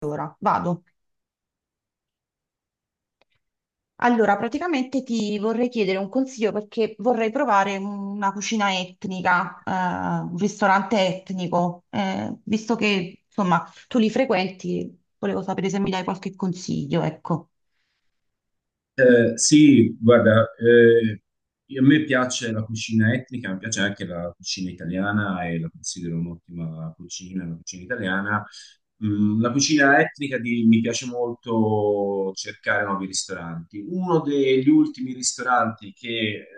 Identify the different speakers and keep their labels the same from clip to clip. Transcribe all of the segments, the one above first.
Speaker 1: Allora, vado. Allora, praticamente ti vorrei chiedere un consiglio perché vorrei provare una cucina etnica, un ristorante etnico, visto che, insomma, tu li frequenti, volevo sapere se mi dai qualche consiglio, ecco.
Speaker 2: Eh sì, guarda, a me piace la cucina etnica, mi piace anche la cucina italiana e la considero un'ottima cucina, la cucina italiana. La cucina mi piace molto cercare nuovi ristoranti. Uno degli ultimi ristoranti che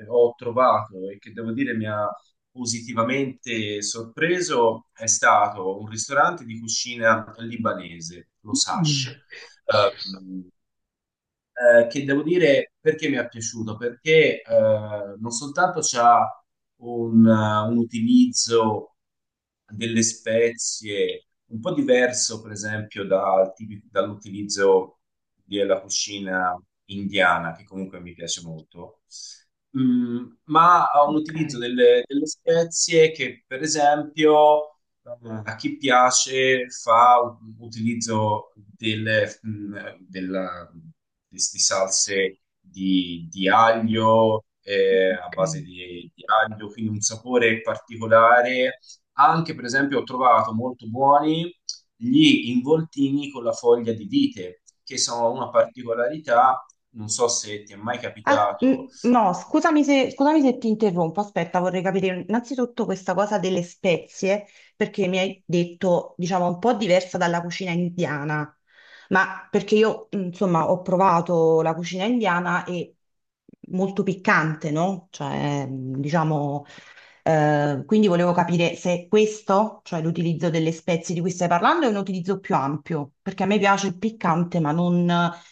Speaker 2: ho trovato e che devo dire mi ha positivamente sorpreso è stato un ristorante di cucina libanese, lo Sash, che devo dire perché mi è piaciuto, perché non soltanto c'ha un utilizzo delle spezie un po' diverso, per esempio, dall'utilizzo della cucina indiana, che comunque mi piace molto. Ma ha un utilizzo delle spezie che, per esempio, Mm. a chi piace fa un utilizzo delle di salse di aglio, a base di aglio, quindi un sapore particolare. Anche, per esempio, ho trovato molto buoni gli involtini con la foglia di vite, che sono una particolarità, non so se ti è mai
Speaker 1: Ah,
Speaker 2: capitato.
Speaker 1: no, scusami se ti interrompo. Aspetta, vorrei capire innanzitutto questa cosa delle spezie, perché mi hai detto, diciamo, un po' diversa dalla cucina indiana. Ma perché io, insomma, ho provato la cucina indiana e molto piccante, no? Cioè, mm, diciamo, quindi volevo capire se questo, cioè l'utilizzo delle spezie di cui stai parlando, è un utilizzo più ampio, perché a me piace il piccante, ma non,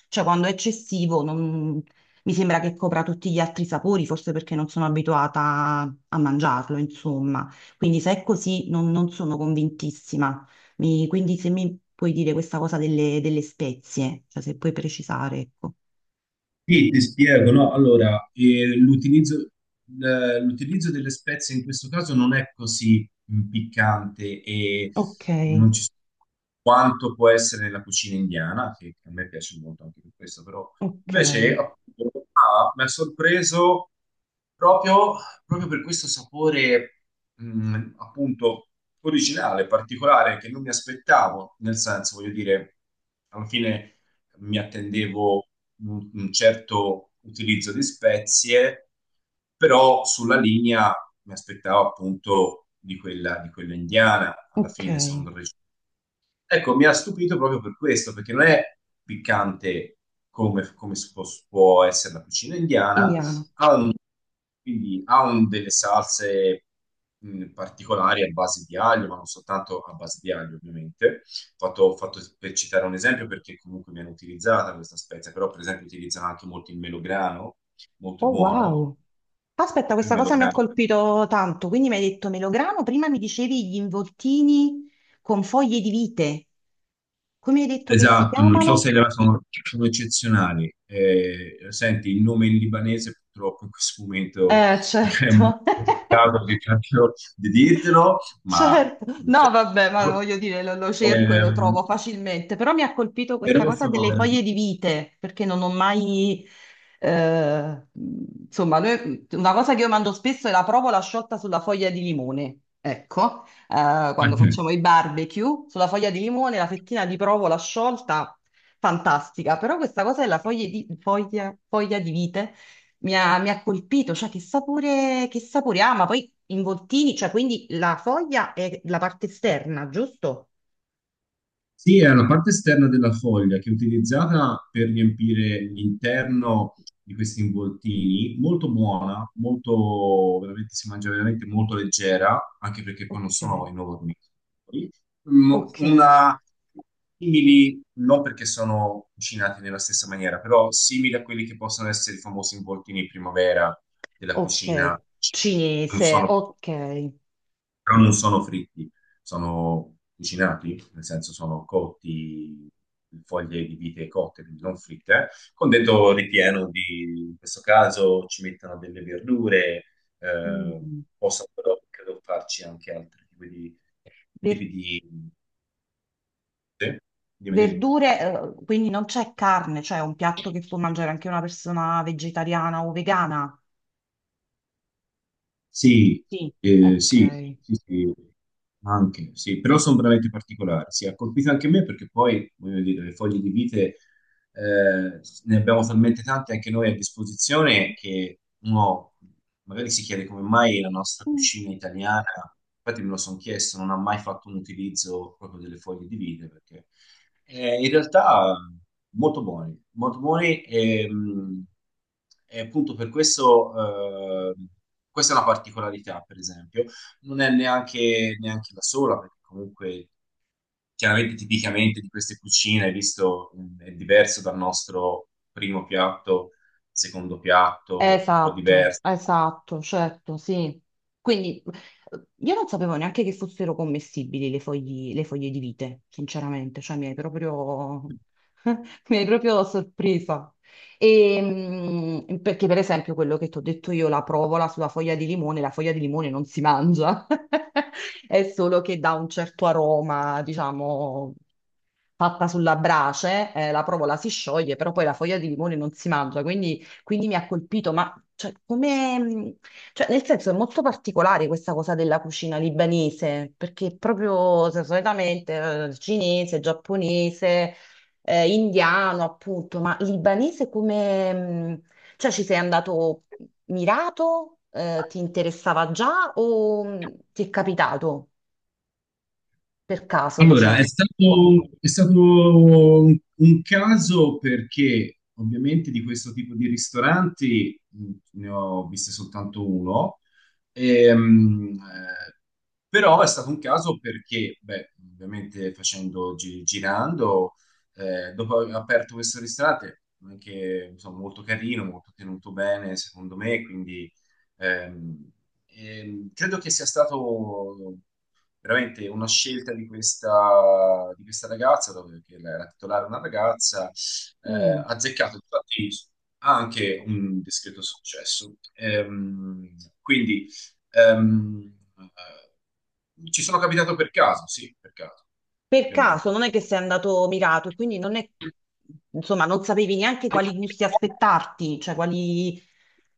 Speaker 1: cioè quando è eccessivo, non. Mi sembra che copra tutti gli altri sapori, forse perché non sono abituata a mangiarlo, insomma. Quindi se è così non sono convintissima. Quindi se mi puoi dire questa cosa delle spezie, cioè se puoi precisare, ecco.
Speaker 2: Sì, ti spiego, no? Allora, l'utilizzo l'utilizzo delle spezie in questo caso non è così, piccante e
Speaker 1: Ok,
Speaker 2: non ci quanto può essere nella cucina indiana, che a me piace molto anche per questo, però
Speaker 1: ok,
Speaker 2: invece appunto, qua mi ha sorpreso proprio, proprio per questo sapore, appunto originale, particolare, che non mi aspettavo, nel senso, voglio dire, alla fine mi attendevo un certo utilizzo di spezie, però sulla linea mi aspettavo appunto di quella indiana, alla fine sono
Speaker 1: ok.
Speaker 2: del regione. Ecco, mi ha stupito proprio per questo, perché non è piccante come, può essere la cucina indiana,
Speaker 1: Indiano.
Speaker 2: quindi delle salse, particolari a base di aglio, ma non soltanto a base di aglio, ovviamente. Fatto per citare un esempio, perché comunque viene utilizzata questa spezia, però per esempio utilizzano anche molto il melograno, molto
Speaker 1: Oh,
Speaker 2: buono.
Speaker 1: wow. Aspetta,
Speaker 2: Il
Speaker 1: questa cosa mi ha
Speaker 2: melograno.
Speaker 1: colpito tanto, quindi mi hai detto melograno, prima mi dicevi gli involtini con foglie di vite, come hai detto che si
Speaker 2: Esatto, non so se
Speaker 1: chiamano?
Speaker 2: sono, sono eccezionali. Senti, il nome in libanese purtroppo in questo momento mi è molto
Speaker 1: Certo.
Speaker 2: complicato di dirtelo, ma
Speaker 1: Certo,
Speaker 2: cioè,
Speaker 1: no, vabbè, ma voglio dire, lo cerco e lo
Speaker 2: ehm,
Speaker 1: trovo facilmente, però mi ha colpito questa
Speaker 2: però
Speaker 1: cosa delle foglie di vite, perché non ho mai, eh, insomma, una cosa che io mando spesso è la provola sciolta sulla foglia di limone, ecco, quando
Speaker 2: ecco.
Speaker 1: facciamo i barbecue, sulla foglia di limone, la fettina di provola sciolta, fantastica, però questa cosa della foglia di vite mi ha colpito, cioè che sapore ha, ma poi involtini, cioè quindi la foglia è la parte esterna, giusto?
Speaker 2: Sì, è una parte esterna della foglia che è utilizzata per riempire l'interno di questi involtini, molto buona, molto, veramente si mangia veramente molto leggera, anche perché poi non
Speaker 1: Ok,
Speaker 2: sono enormi. Mm,
Speaker 1: ok,
Speaker 2: Una simili, non perché sono cucinati nella stessa maniera, però simili a quelli che possono essere i famosi involtini in primavera della
Speaker 1: ok,
Speaker 2: cucina cinese. Non
Speaker 1: cinese,
Speaker 2: sono
Speaker 1: ok.
Speaker 2: non sono fritti, sono cucinati, nel senso sono cotti, foglie di vite cotte, quindi non fritte, con dentro ripieno di, in questo caso ci mettono delle verdure, eh,
Speaker 1: Mm.
Speaker 2: posso però credo farci anche altri
Speaker 1: Ver-
Speaker 2: tipi di... Sì? Dimmi.
Speaker 1: verdure, quindi non c'è carne, cioè è un piatto che può mangiare anche una persona vegetariana o vegana?
Speaker 2: Sì,
Speaker 1: Sì.
Speaker 2: eh, sì,
Speaker 1: Ok.
Speaker 2: sì, sì, sì, però sono veramente particolari. Sì, ha colpito anche me perché poi, voglio dire, le foglie di vite, ne abbiamo talmente tante anche noi a disposizione che uno magari si chiede come mai la nostra cucina italiana, infatti me lo sono chiesto, non ha mai fatto un utilizzo proprio delle foglie di vite perché in realtà molto buoni e appunto per questo, questa è una particolarità, per esempio, non è neanche la sola, perché comunque chiaramente tipicamente di queste cucine, visto, è diverso dal nostro primo piatto, secondo piatto, un po'
Speaker 1: Esatto,
Speaker 2: diverso.
Speaker 1: esatto, certo, sì. Quindi io non sapevo neanche che fossero commestibili le le foglie di vite, sinceramente, cioè mi hai proprio, mi hai proprio sorpresa. E, mm, perché per esempio quello che ti ho detto io, la provola sulla foglia di limone, la foglia di limone non si mangia, è solo che dà un certo aroma, diciamo, fatta sulla brace, la provola si scioglie, però poi la foglia di limone non si mangia, quindi... Quindi mi ha colpito, ma cioè, come, cioè, nel senso è molto particolare questa cosa della cucina libanese, perché proprio se, solitamente cinese, giapponese, indiano, appunto, ma libanese come, cioè ci sei andato mirato, eh, ti interessava già o ti è capitato per caso,
Speaker 2: Allora,
Speaker 1: diciamo?
Speaker 2: è stato un caso perché ovviamente di questo tipo di ristoranti, ne ho viste soltanto uno, ehm, eh, però è stato un caso perché, beh, ovviamente facendo, girando, dopo aver aperto questo ristorante, anche insomma, molto carino, molto tenuto bene secondo me, quindi... ehm, credo che sia stato veramente una scelta di questa ragazza, dove che la titolare è una ragazza,
Speaker 1: Mm,
Speaker 2: azzeccato infatti ha anche un discreto successo. Quindi, ehm, ci sono capitato per caso, sì, per caso,
Speaker 1: per caso,
Speaker 2: ovviamente.
Speaker 1: non è che sei andato mirato, e quindi non è, insomma, non sapevi neanche quali gusti aspettarti, cioè quali,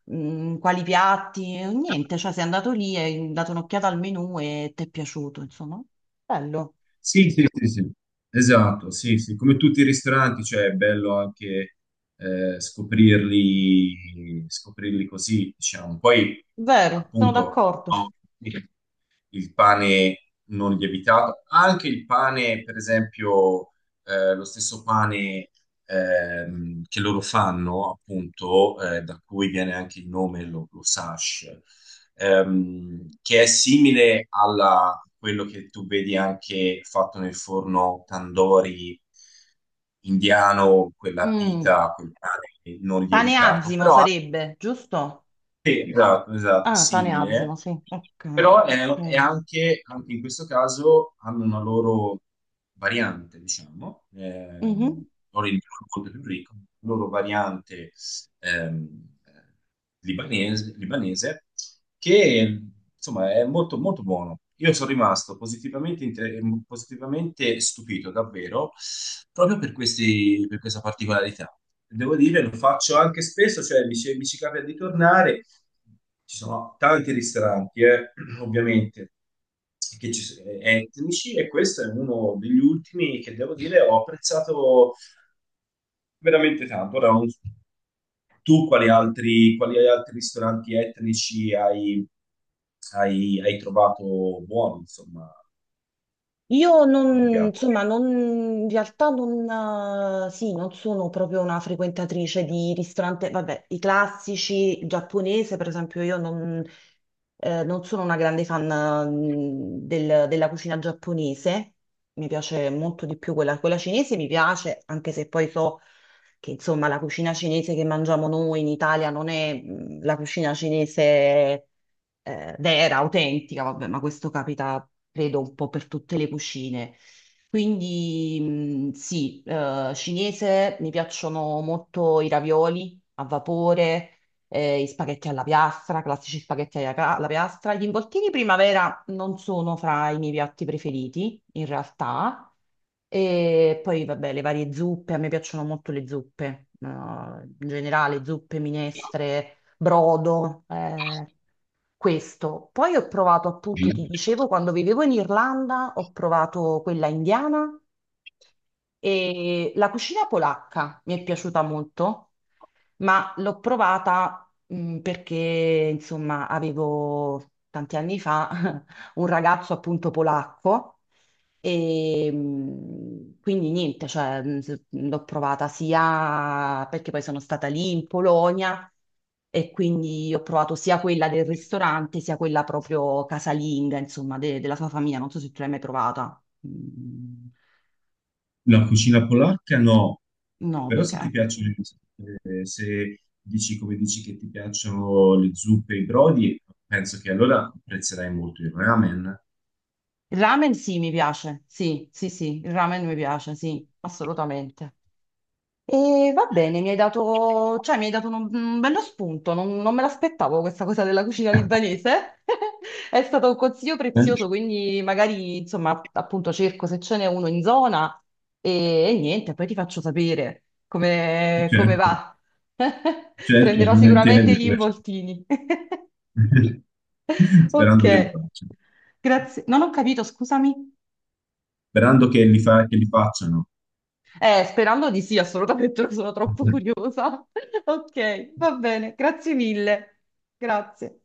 Speaker 1: quali piatti, niente, cioè sei andato lì, hai dato un'occhiata al menù e ti è piaciuto, insomma. Bello,
Speaker 2: Sì, sì, sì, sì, esatto, sì, sì, come tutti i ristoranti, cioè è bello anche, scoprirli, scoprirli così, diciamo. Poi,
Speaker 1: vero, sono
Speaker 2: appunto,
Speaker 1: d'accordo.
Speaker 2: no, il pane non lievitato, anche il pane, per esempio, lo stesso pane, che loro fanno, appunto, da cui viene anche il nome, lo sash, che è simile a quello che tu vedi anche fatto nel forno tandoori indiano, quella
Speaker 1: Mm.
Speaker 2: pita, quel pane non
Speaker 1: Pane
Speaker 2: lievitato,
Speaker 1: azzimo
Speaker 2: però
Speaker 1: sarebbe, giusto?
Speaker 2: sì, esatto, esatto,
Speaker 1: Ah, pane azzimo,
Speaker 2: simile,
Speaker 1: sì. Ok,
Speaker 2: però è
Speaker 1: ok.
Speaker 2: anche, anche in questo caso hanno una loro variante, diciamo,
Speaker 1: Mhm.
Speaker 2: loro il molto più ricco, una loro variante ehm, eh, libanese, libanese, che insomma è molto, molto buono. Io sono rimasto positivamente, positivamente stupito, davvero, proprio per per questa particolarità. Devo dire, lo faccio anche spesso, cioè mi ci capita di tornare. Ci sono tanti ristoranti, ovviamente, che etnici e questo è uno degli ultimi che devo dire ho apprezzato veramente tanto. Ora, tu quali altri ristoranti etnici hai, hai trovato buoni, insomma,
Speaker 1: Io
Speaker 2: che
Speaker 1: non,
Speaker 2: ti piacciono?
Speaker 1: insomma, non, in realtà non, sì, non sono proprio una frequentatrice di ristorante, vabbè, i classici, il giapponese, per esempio, io non, non sono una grande fan, mm, della cucina giapponese, mi piace molto di più quella cinese, mi piace, anche se poi so che, insomma, la cucina cinese che mangiamo noi in Italia non è, mm, la cucina cinese vera, autentica, vabbè, ma questo capita, credo, un po' per tutte le cucine. Quindi sì, cinese mi piacciono molto i ravioli a vapore, i spaghetti alla piastra, classici spaghetti alla alla piastra. Gli involtini primavera non sono fra i miei piatti preferiti, in realtà. E poi, vabbè, le varie zuppe, a me piacciono molto le zuppe, in generale zuppe, minestre, brodo, questo. Poi ho provato, appunto, ti dicevo, quando vivevo in Irlanda, ho provato quella indiana e la cucina polacca mi è piaciuta molto, ma l'ho provata perché, insomma, avevo tanti anni fa un ragazzo appunto polacco e quindi niente, cioè, l'ho provata sia perché poi sono stata lì in Polonia e quindi ho provato sia quella del ristorante sia quella proprio casalinga, insomma, della sua famiglia. Non so se tu l'hai mai provata. Mm.
Speaker 2: La cucina polacca no,
Speaker 1: No,
Speaker 2: però
Speaker 1: perché
Speaker 2: se ti piacciono, se dici come dici che ti piacciono le zuppe e i brodi, penso che allora apprezzerai molto il ramen.
Speaker 1: il ramen sì, mi piace. Sì, sì, sì, il ramen mi piace, sì, assolutamente. E va bene, mi hai dato un bello spunto, non me l'aspettavo questa cosa della cucina libanese. È stato un consiglio prezioso, quindi magari, insomma, appunto cerco se ce n'è uno in zona e niente, poi ti faccio sapere come
Speaker 2: Certo,
Speaker 1: va.
Speaker 2: certo,
Speaker 1: Prenderò sicuramente
Speaker 2: volentieri.
Speaker 1: gli involtini. Ok,
Speaker 2: Sperando che li facciano.
Speaker 1: grazie. Non ho capito, scusami.
Speaker 2: Sperando che che li facciano.
Speaker 1: Sperando di sì, assolutamente, sono troppo curiosa. Ok, va bene, grazie mille. Grazie.